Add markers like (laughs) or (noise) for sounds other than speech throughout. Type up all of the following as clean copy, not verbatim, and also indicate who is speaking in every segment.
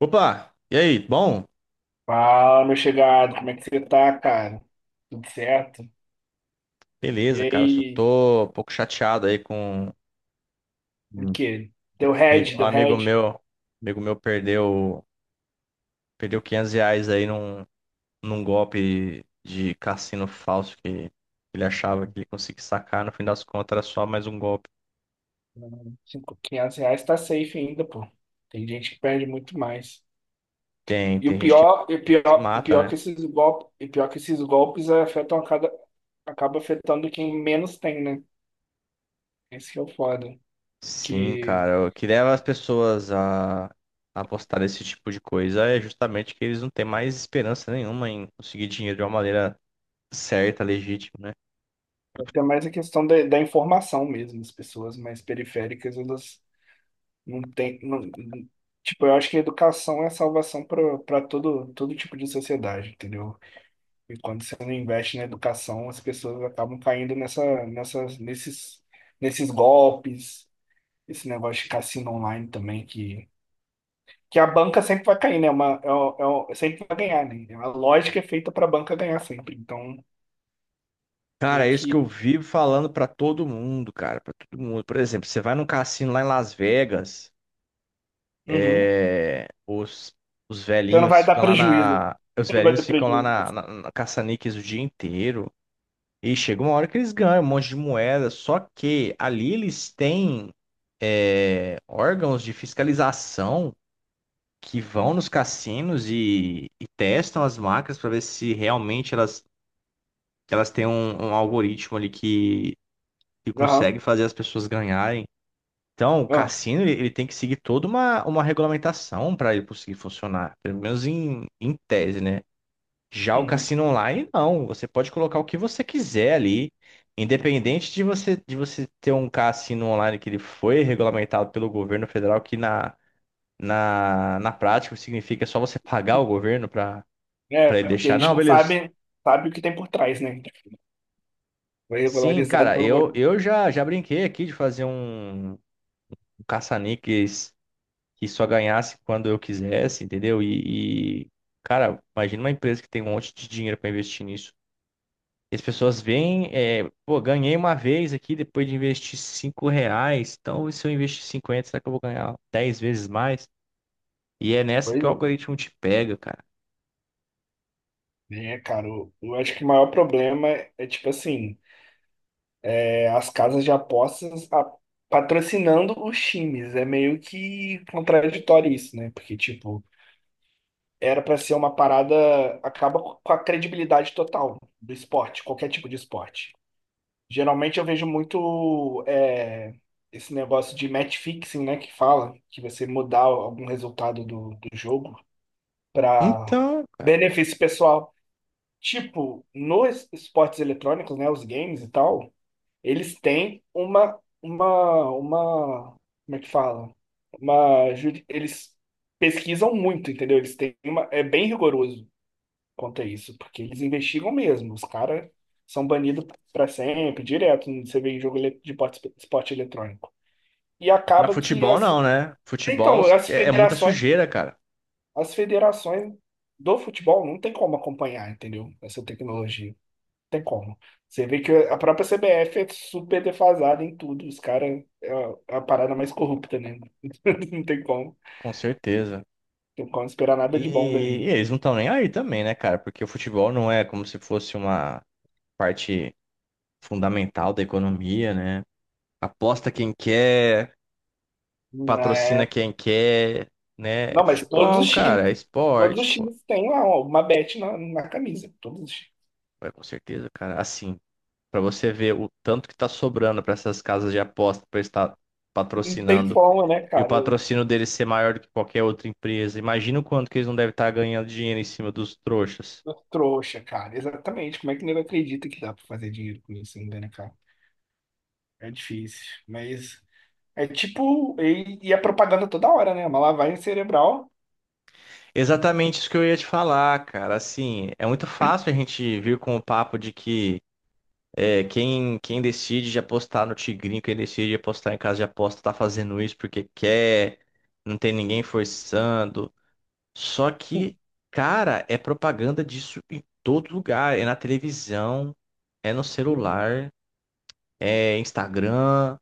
Speaker 1: Opa, e aí? Bom,
Speaker 2: Fala, meu chegado, como é que você tá, cara? Tudo certo? E
Speaker 1: beleza, cara. Só
Speaker 2: aí,
Speaker 1: tô um pouco chateado aí com
Speaker 2: o
Speaker 1: um
Speaker 2: quê? Deu
Speaker 1: amigo,
Speaker 2: head, deu
Speaker 1: amigo
Speaker 2: head.
Speaker 1: meu. Amigo meu perdeu R$ 500 aí num golpe de cassino falso que ele achava que ele conseguia sacar. No fim das contas, era só mais um golpe.
Speaker 2: R$ 500 tá safe ainda, pô. Tem gente que perde muito mais.
Speaker 1: Tem,
Speaker 2: E
Speaker 1: tem
Speaker 2: o
Speaker 1: gente que
Speaker 2: pior, e o
Speaker 1: se
Speaker 2: pior, e o
Speaker 1: mata,
Speaker 2: pior que
Speaker 1: né?
Speaker 2: esses golpes, acaba afetando quem menos tem, né? Esse que é o foda.
Speaker 1: Sim,
Speaker 2: Que
Speaker 1: cara. O que leva as pessoas a apostar nesse tipo de coisa é justamente que eles não têm mais esperança nenhuma em conseguir dinheiro de uma maneira certa, legítima, né?
Speaker 2: é até mais a questão da informação mesmo. As pessoas mais periféricas, elas não tem, tipo, eu acho que a educação é a salvação para todo tipo de sociedade, entendeu? E quando você não investe na educação, as pessoas acabam caindo nesses golpes, esse negócio de cassino online também, que a banca sempre vai cair, né? É Uma, é, o- é, o- é sempre vai ganhar, né? A lógica é feita para a banca ganhar sempre. Então,
Speaker 1: Cara,
Speaker 2: meio
Speaker 1: é isso que
Speaker 2: que.
Speaker 1: eu vivo falando pra todo mundo, cara, pra todo mundo. Por exemplo, você vai num cassino lá em Las Vegas,
Speaker 2: Uhum.
Speaker 1: é, os, os
Speaker 2: Você não
Speaker 1: velhinhos
Speaker 2: vai dar
Speaker 1: ficam lá
Speaker 2: prejuízo.
Speaker 1: na, os
Speaker 2: Você não vai
Speaker 1: velhinhos
Speaker 2: dar
Speaker 1: ficam lá
Speaker 2: prejuízo.
Speaker 1: na, na, na caça-níqueis o dia inteiro e chega uma hora que eles ganham um monte de moeda, só que ali eles têm órgãos de fiscalização que vão nos cassinos e testam as máquinas para ver se realmente elas têm um algoritmo ali que
Speaker 2: Aham.
Speaker 1: consegue fazer as pessoas ganharem. Então, o
Speaker 2: Aham.
Speaker 1: cassino ele tem que seguir toda uma regulamentação para ele conseguir funcionar, pelo menos em tese, né? Já o
Speaker 2: Uhum.
Speaker 1: cassino online, não. Você pode colocar o que você quiser ali, independente de você ter um cassino online que ele foi regulamentado pelo governo federal, que na prática significa só você pagar o governo para
Speaker 2: É,
Speaker 1: para ele
Speaker 2: porque a
Speaker 1: deixar.
Speaker 2: gente
Speaker 1: Não,
Speaker 2: não
Speaker 1: beleza.
Speaker 2: sabe, sabe o que tem por trás, né? Foi
Speaker 1: Sim,
Speaker 2: regularizado
Speaker 1: cara,
Speaker 2: pelo
Speaker 1: eu,
Speaker 2: governo.
Speaker 1: eu já brinquei aqui de fazer um caça-níqueis que só ganhasse quando eu quisesse, entendeu? Cara, imagina uma empresa que tem um monte de dinheiro para investir nisso. E as pessoas veem, pô, ganhei uma vez aqui depois de investir R$ 5, então e se eu investir 50, será que eu vou ganhar 10 vezes mais? E é
Speaker 2: É,
Speaker 1: nessa que o algoritmo te pega, cara.
Speaker 2: É, cara, eu acho que o maior problema é, tipo assim, as casas de apostas patrocinando os times. É meio que contraditório isso, né? Porque, tipo, era pra ser uma parada, acaba com a credibilidade total do esporte, qualquer tipo de esporte. Geralmente eu vejo muito esse negócio de match fixing, né? Que fala, que você mudar algum resultado do jogo para
Speaker 1: Então, cara.
Speaker 2: benefício pessoal. Tipo, nos esportes eletrônicos, né, os games e tal, eles têm uma, como é que fala? Eles pesquisam muito, entendeu? Eles têm é bem rigoroso quanto a isso, porque eles investigam mesmo. Os caras são banidos para sempre, direto, você vê em jogo de esporte eletrônico. E
Speaker 1: Já
Speaker 2: acaba que
Speaker 1: futebol
Speaker 2: as,
Speaker 1: não, né? Futebol
Speaker 2: então, as
Speaker 1: é muita
Speaker 2: federações
Speaker 1: sujeira, cara.
Speaker 2: As federações do futebol não tem como acompanhar, entendeu? Essa tecnologia. Não tem como. Você vê que a própria CBF é super defasada em tudo. Os caras é a parada mais corrupta, né? (laughs) Não tem como.
Speaker 1: Com certeza.
Speaker 2: Não tem como esperar nada de bom
Speaker 1: E, e
Speaker 2: dali.
Speaker 1: eles não estão nem aí também, né, cara? Porque o futebol não é como se fosse uma parte fundamental da economia, né? Aposta quem quer,
Speaker 2: Não,
Speaker 1: patrocina quem quer, né? É
Speaker 2: mas
Speaker 1: futebol, cara, é
Speaker 2: todos os
Speaker 1: esporte, pô.
Speaker 2: times têm lá uma bet na camisa. Todos os times.
Speaker 1: É, com certeza, cara. Assim, pra você ver o tanto que tá sobrando pra essas casas de aposta pra estar
Speaker 2: Não tem
Speaker 1: patrocinando
Speaker 2: forma, né,
Speaker 1: e o
Speaker 2: cara? Eu-
Speaker 1: patrocínio deles ser maior do que qualquer outra empresa. Imagina o quanto que eles não devem estar ganhando dinheiro em cima dos trouxas.
Speaker 2: eu trouxa, cara. Exatamente. Como é que o nego acredita que dá pra fazer dinheiro com isso ainda, né, cara? É difícil. Mas é tipo, e é propaganda toda hora, né? Uma lavagem cerebral
Speaker 1: Exatamente isso que eu ia te falar, cara. Assim, é muito fácil a gente vir com o papo de que é, quem decide de apostar no Tigrinho, quem decide de apostar em casa de aposta, tá fazendo isso porque quer, não tem ninguém forçando. Só que, cara, é propaganda disso em todo lugar. É na televisão, é no celular, é Instagram,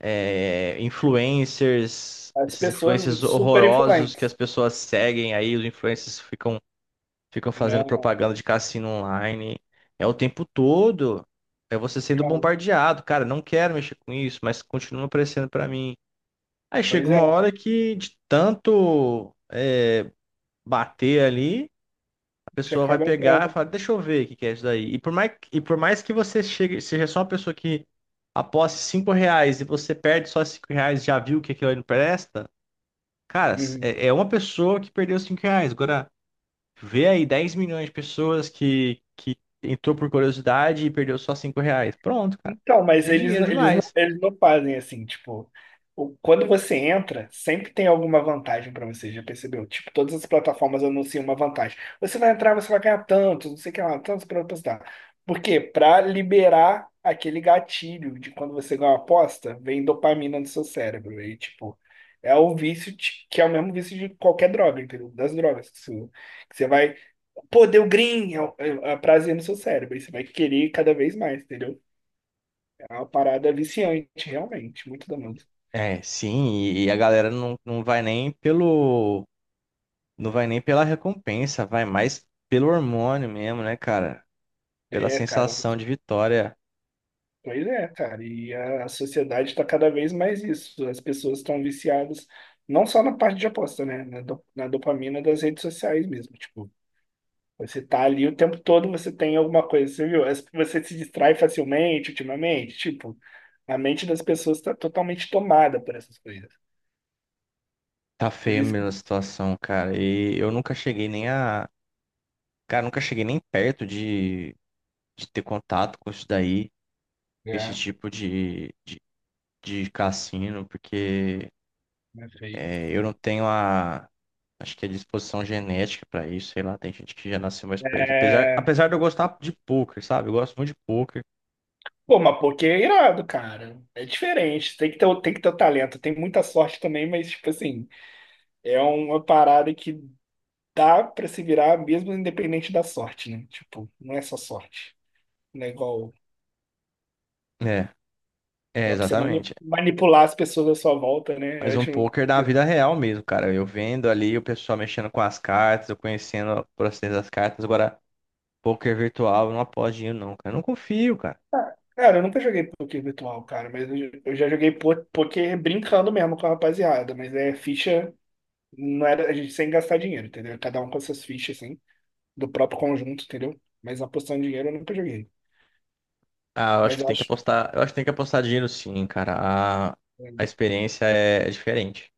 Speaker 1: é influencers,
Speaker 2: as
Speaker 1: esses
Speaker 2: pessoas
Speaker 1: influencers
Speaker 2: super
Speaker 1: horrorosos que
Speaker 2: influentes.
Speaker 1: as pessoas seguem aí, os influencers ficam fazendo
Speaker 2: Não,
Speaker 1: propaganda de cassino online. É o tempo todo. É você sendo
Speaker 2: não.
Speaker 1: bombardeado. Cara, não quero mexer com isso, mas continua aparecendo pra mim. Aí chega
Speaker 2: Pois é,
Speaker 1: uma hora que, de tanto bater ali, a
Speaker 2: você
Speaker 1: pessoa vai
Speaker 2: acaba
Speaker 1: pegar e
Speaker 2: entrando.
Speaker 1: fala, deixa eu ver o que que é isso daí. E por mais que você chegue, seja só uma pessoa que aposte R$ 5 e você perde só R$ 5, já viu que aquilo ali não presta, cara,
Speaker 2: Uhum.
Speaker 1: é uma pessoa que perdeu R$ 5. Agora. Vê aí 10 milhões de pessoas que entrou por curiosidade e perdeu só R$ 5. Pronto, cara.
Speaker 2: Então, mas
Speaker 1: É dinheiro
Speaker 2: eles não,
Speaker 1: demais.
Speaker 2: eles não fazem assim, tipo, quando você entra, sempre tem alguma vantagem pra você, já percebeu? Tipo, todas as plataformas anunciam uma vantagem. Você vai entrar, você vai ganhar tanto, não sei o que lá, tanto pra apostar. Por quê? Pra liberar aquele gatilho de quando você ganha uma aposta, vem dopamina no seu cérebro. E, tipo, é o vício que é o mesmo vício de qualquer droga, entendeu? Das drogas que você vai. Pô, deu green, é prazer no seu cérebro. E você vai querer cada vez mais, entendeu? É uma parada viciante, realmente, muito da música.
Speaker 1: É, sim, e a galera não vai nem pelo. Não vai nem pela recompensa, vai mais pelo hormônio mesmo, né, cara? Pela
Speaker 2: É, cara,
Speaker 1: sensação de vitória.
Speaker 2: pois é, cara, e a sociedade está cada vez mais isso. As pessoas estão viciadas, não só na parte de aposta, né? Na dopamina das redes sociais mesmo. Tipo, você tá ali o tempo todo, você tem alguma coisa, você viu? Você se distrai facilmente ultimamente. Tipo, a mente das pessoas está totalmente tomada por essas coisas.
Speaker 1: Tá
Speaker 2: Por
Speaker 1: feio
Speaker 2: isso que
Speaker 1: mesmo a situação, cara. E eu nunca cheguei nem a. Cara, nunca cheguei nem perto de ter contato com isso daí, esse
Speaker 2: É,
Speaker 1: tipo de cassino, porque.
Speaker 2: é feio.
Speaker 1: É, eu não tenho a, acho que a disposição genética para isso, sei lá, tem gente que já nasceu mais pra isso. Apesar de eu gostar de poker, sabe? Eu gosto muito de poker.
Speaker 2: Pô, mas porque é irado, cara. É diferente. Tem que ter, tem que ter o talento. Tem muita sorte também, mas, tipo assim, é uma parada que dá pra se virar mesmo independente da sorte, né? Tipo, não é só sorte. Não é igual.
Speaker 1: É, é,
Speaker 2: Dá pra você
Speaker 1: exatamente.
Speaker 2: manipular as pessoas à sua volta, né? Eu
Speaker 1: Mas um
Speaker 2: acho.
Speaker 1: poker da vida real mesmo, cara. Eu vendo ali o pessoal mexendo com as cartas, eu conhecendo o processo das cartas. Agora, poker virtual, eu não aposto dinheiro não, cara. Eu não confio, cara.
Speaker 2: Ah, cara, eu nunca joguei poker virtual, cara, mas eu já joguei poker brincando mesmo com a rapaziada, mas é ficha, não era a gente sem gastar dinheiro, entendeu? Cada um com suas fichas, assim. Do próprio conjunto, entendeu? Mas apostando em dinheiro eu nunca joguei.
Speaker 1: Ah, eu acho
Speaker 2: Mas
Speaker 1: que
Speaker 2: eu
Speaker 1: tem que
Speaker 2: acho
Speaker 1: apostar, eu acho que tem que apostar dinheiro sim, cara. A,
Speaker 2: que é
Speaker 1: a experiência é diferente.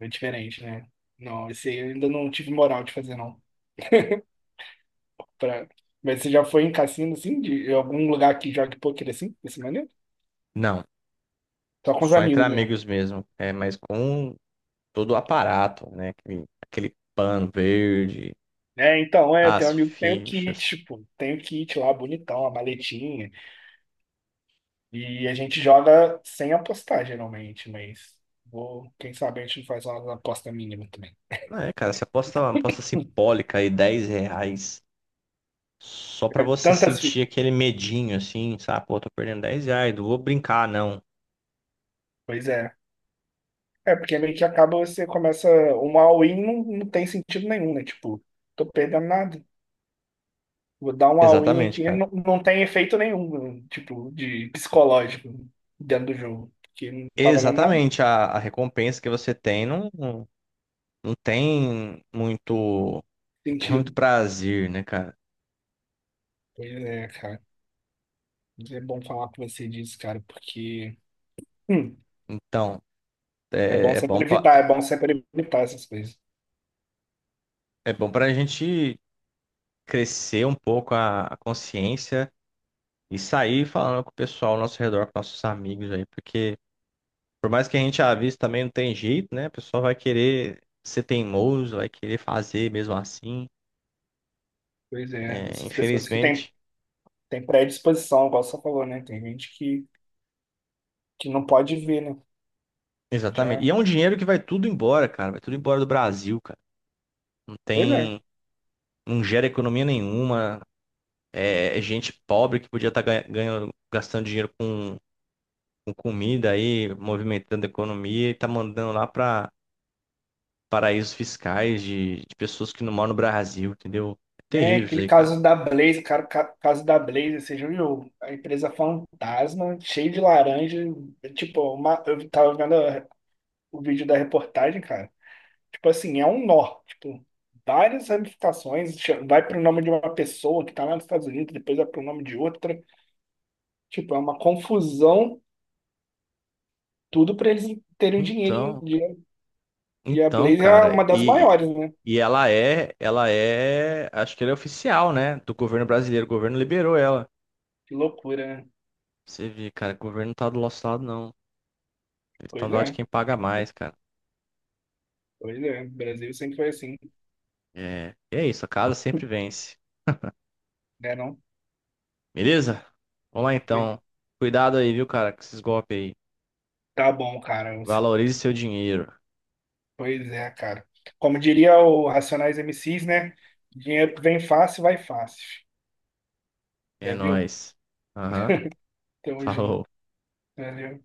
Speaker 2: é diferente, né? Não, esse aí eu ainda não tive moral de fazer, não. Pra... Mas você já foi em cassino, assim, de algum lugar que jogue poker assim, desse maneiro?
Speaker 1: Não,
Speaker 2: Só com os
Speaker 1: só entre
Speaker 2: amigos mesmo.
Speaker 1: amigos mesmo. É, mas com todo o aparato, né? Aquele pano verde,
Speaker 2: É, então, tem um
Speaker 1: as
Speaker 2: amigo que tem o
Speaker 1: fichas.
Speaker 2: kit, pô. Tem o kit lá, bonitão, a maletinha. E a gente joga sem apostar, geralmente, mas quem sabe a gente não faz uma aposta mínima também.
Speaker 1: É, cara, você aposta uma aposta simbólica aí, R$ 10, só pra você
Speaker 2: Tantas
Speaker 1: sentir
Speaker 2: fichas.
Speaker 1: aquele medinho, assim, sabe? Pô, tô perdendo R$ 10, não vou brincar, não.
Speaker 2: Pois é. É, porque meio que acaba você começa. Um all-in não tem sentido nenhum, né? Tipo, tô perdendo nada. Vou dar um all-in
Speaker 1: Exatamente,
Speaker 2: aqui,
Speaker 1: cara.
Speaker 2: não tem efeito nenhum, né? Tipo, de psicológico dentro do jogo. Porque não tá valendo nada.
Speaker 1: Exatamente, a recompensa que você tem não tem muito,
Speaker 2: Sentido.
Speaker 1: prazer, né, cara?
Speaker 2: Pois é, cara. Mas é bom falar com você disso, cara, porque. hum,
Speaker 1: Então,
Speaker 2: É bom
Speaker 1: é, é bom
Speaker 2: sempre
Speaker 1: pra,
Speaker 2: evitar, é bom sempre evitar essas coisas.
Speaker 1: é bom pra gente crescer um pouco a consciência e sair falando com o pessoal ao nosso redor, com nossos amigos aí, porque por mais que a gente avise também não tem jeito, né? O pessoal vai querer ser teimoso, vai querer fazer mesmo assim.
Speaker 2: Pois é,
Speaker 1: É,
Speaker 2: essas pessoas que têm,
Speaker 1: infelizmente.
Speaker 2: têm predisposição, igual você falou, né? Tem gente que não pode ver, né?
Speaker 1: Exatamente.
Speaker 2: Já.
Speaker 1: E é um dinheiro que vai tudo embora, cara. Vai tudo embora do Brasil, cara. Não
Speaker 2: Pois é.
Speaker 1: tem. Não gera economia nenhuma. É, é gente pobre que podia estar ganhando, gastando dinheiro com comida aí, movimentando a economia e tá mandando lá pra paraísos fiscais de pessoas que não moram no Brasil, entendeu? É
Speaker 2: É,
Speaker 1: terrível isso
Speaker 2: aquele
Speaker 1: aí, cara.
Speaker 2: caso da Blaze, cara, caso da Blaze, você já viu? A empresa fantasma, cheia de laranja. Eu tava vendo o vídeo da reportagem, cara. Tipo assim, é um nó. Tipo, várias ramificações. Vai pro nome de uma pessoa que tá lá nos Estados Unidos, depois vai pro nome de outra. Tipo, é uma confusão, tudo pra eles terem dinheiro.
Speaker 1: Então,
Speaker 2: Dinheiro. E a
Speaker 1: então,
Speaker 2: Blaze é
Speaker 1: cara,
Speaker 2: uma das
Speaker 1: e,
Speaker 2: maiores, né?
Speaker 1: e ela é, acho que ela é oficial, né, do governo brasileiro. O governo liberou ela.
Speaker 2: Que loucura, né?
Speaker 1: Você vê, cara, o governo não tá do nosso lado, não. Ele tá
Speaker 2: Pois
Speaker 1: do lado de
Speaker 2: é,
Speaker 1: quem paga mais, cara.
Speaker 2: pois é. O Brasil sempre foi assim,
Speaker 1: É, e é isso, a casa sempre vence.
Speaker 2: né, não?
Speaker 1: Beleza? Vamos lá então. Cuidado aí, viu, cara, com esses golpes aí.
Speaker 2: Tá bom, cara.
Speaker 1: Valorize seu dinheiro.
Speaker 2: Pois é, cara. Como diria o Racionais MCs, né? Dinheiro que vem fácil, vai fácil.
Speaker 1: É
Speaker 2: Já viu?
Speaker 1: nóis. Aham.
Speaker 2: Tamo
Speaker 1: Falou.
Speaker 2: junto. Valeu.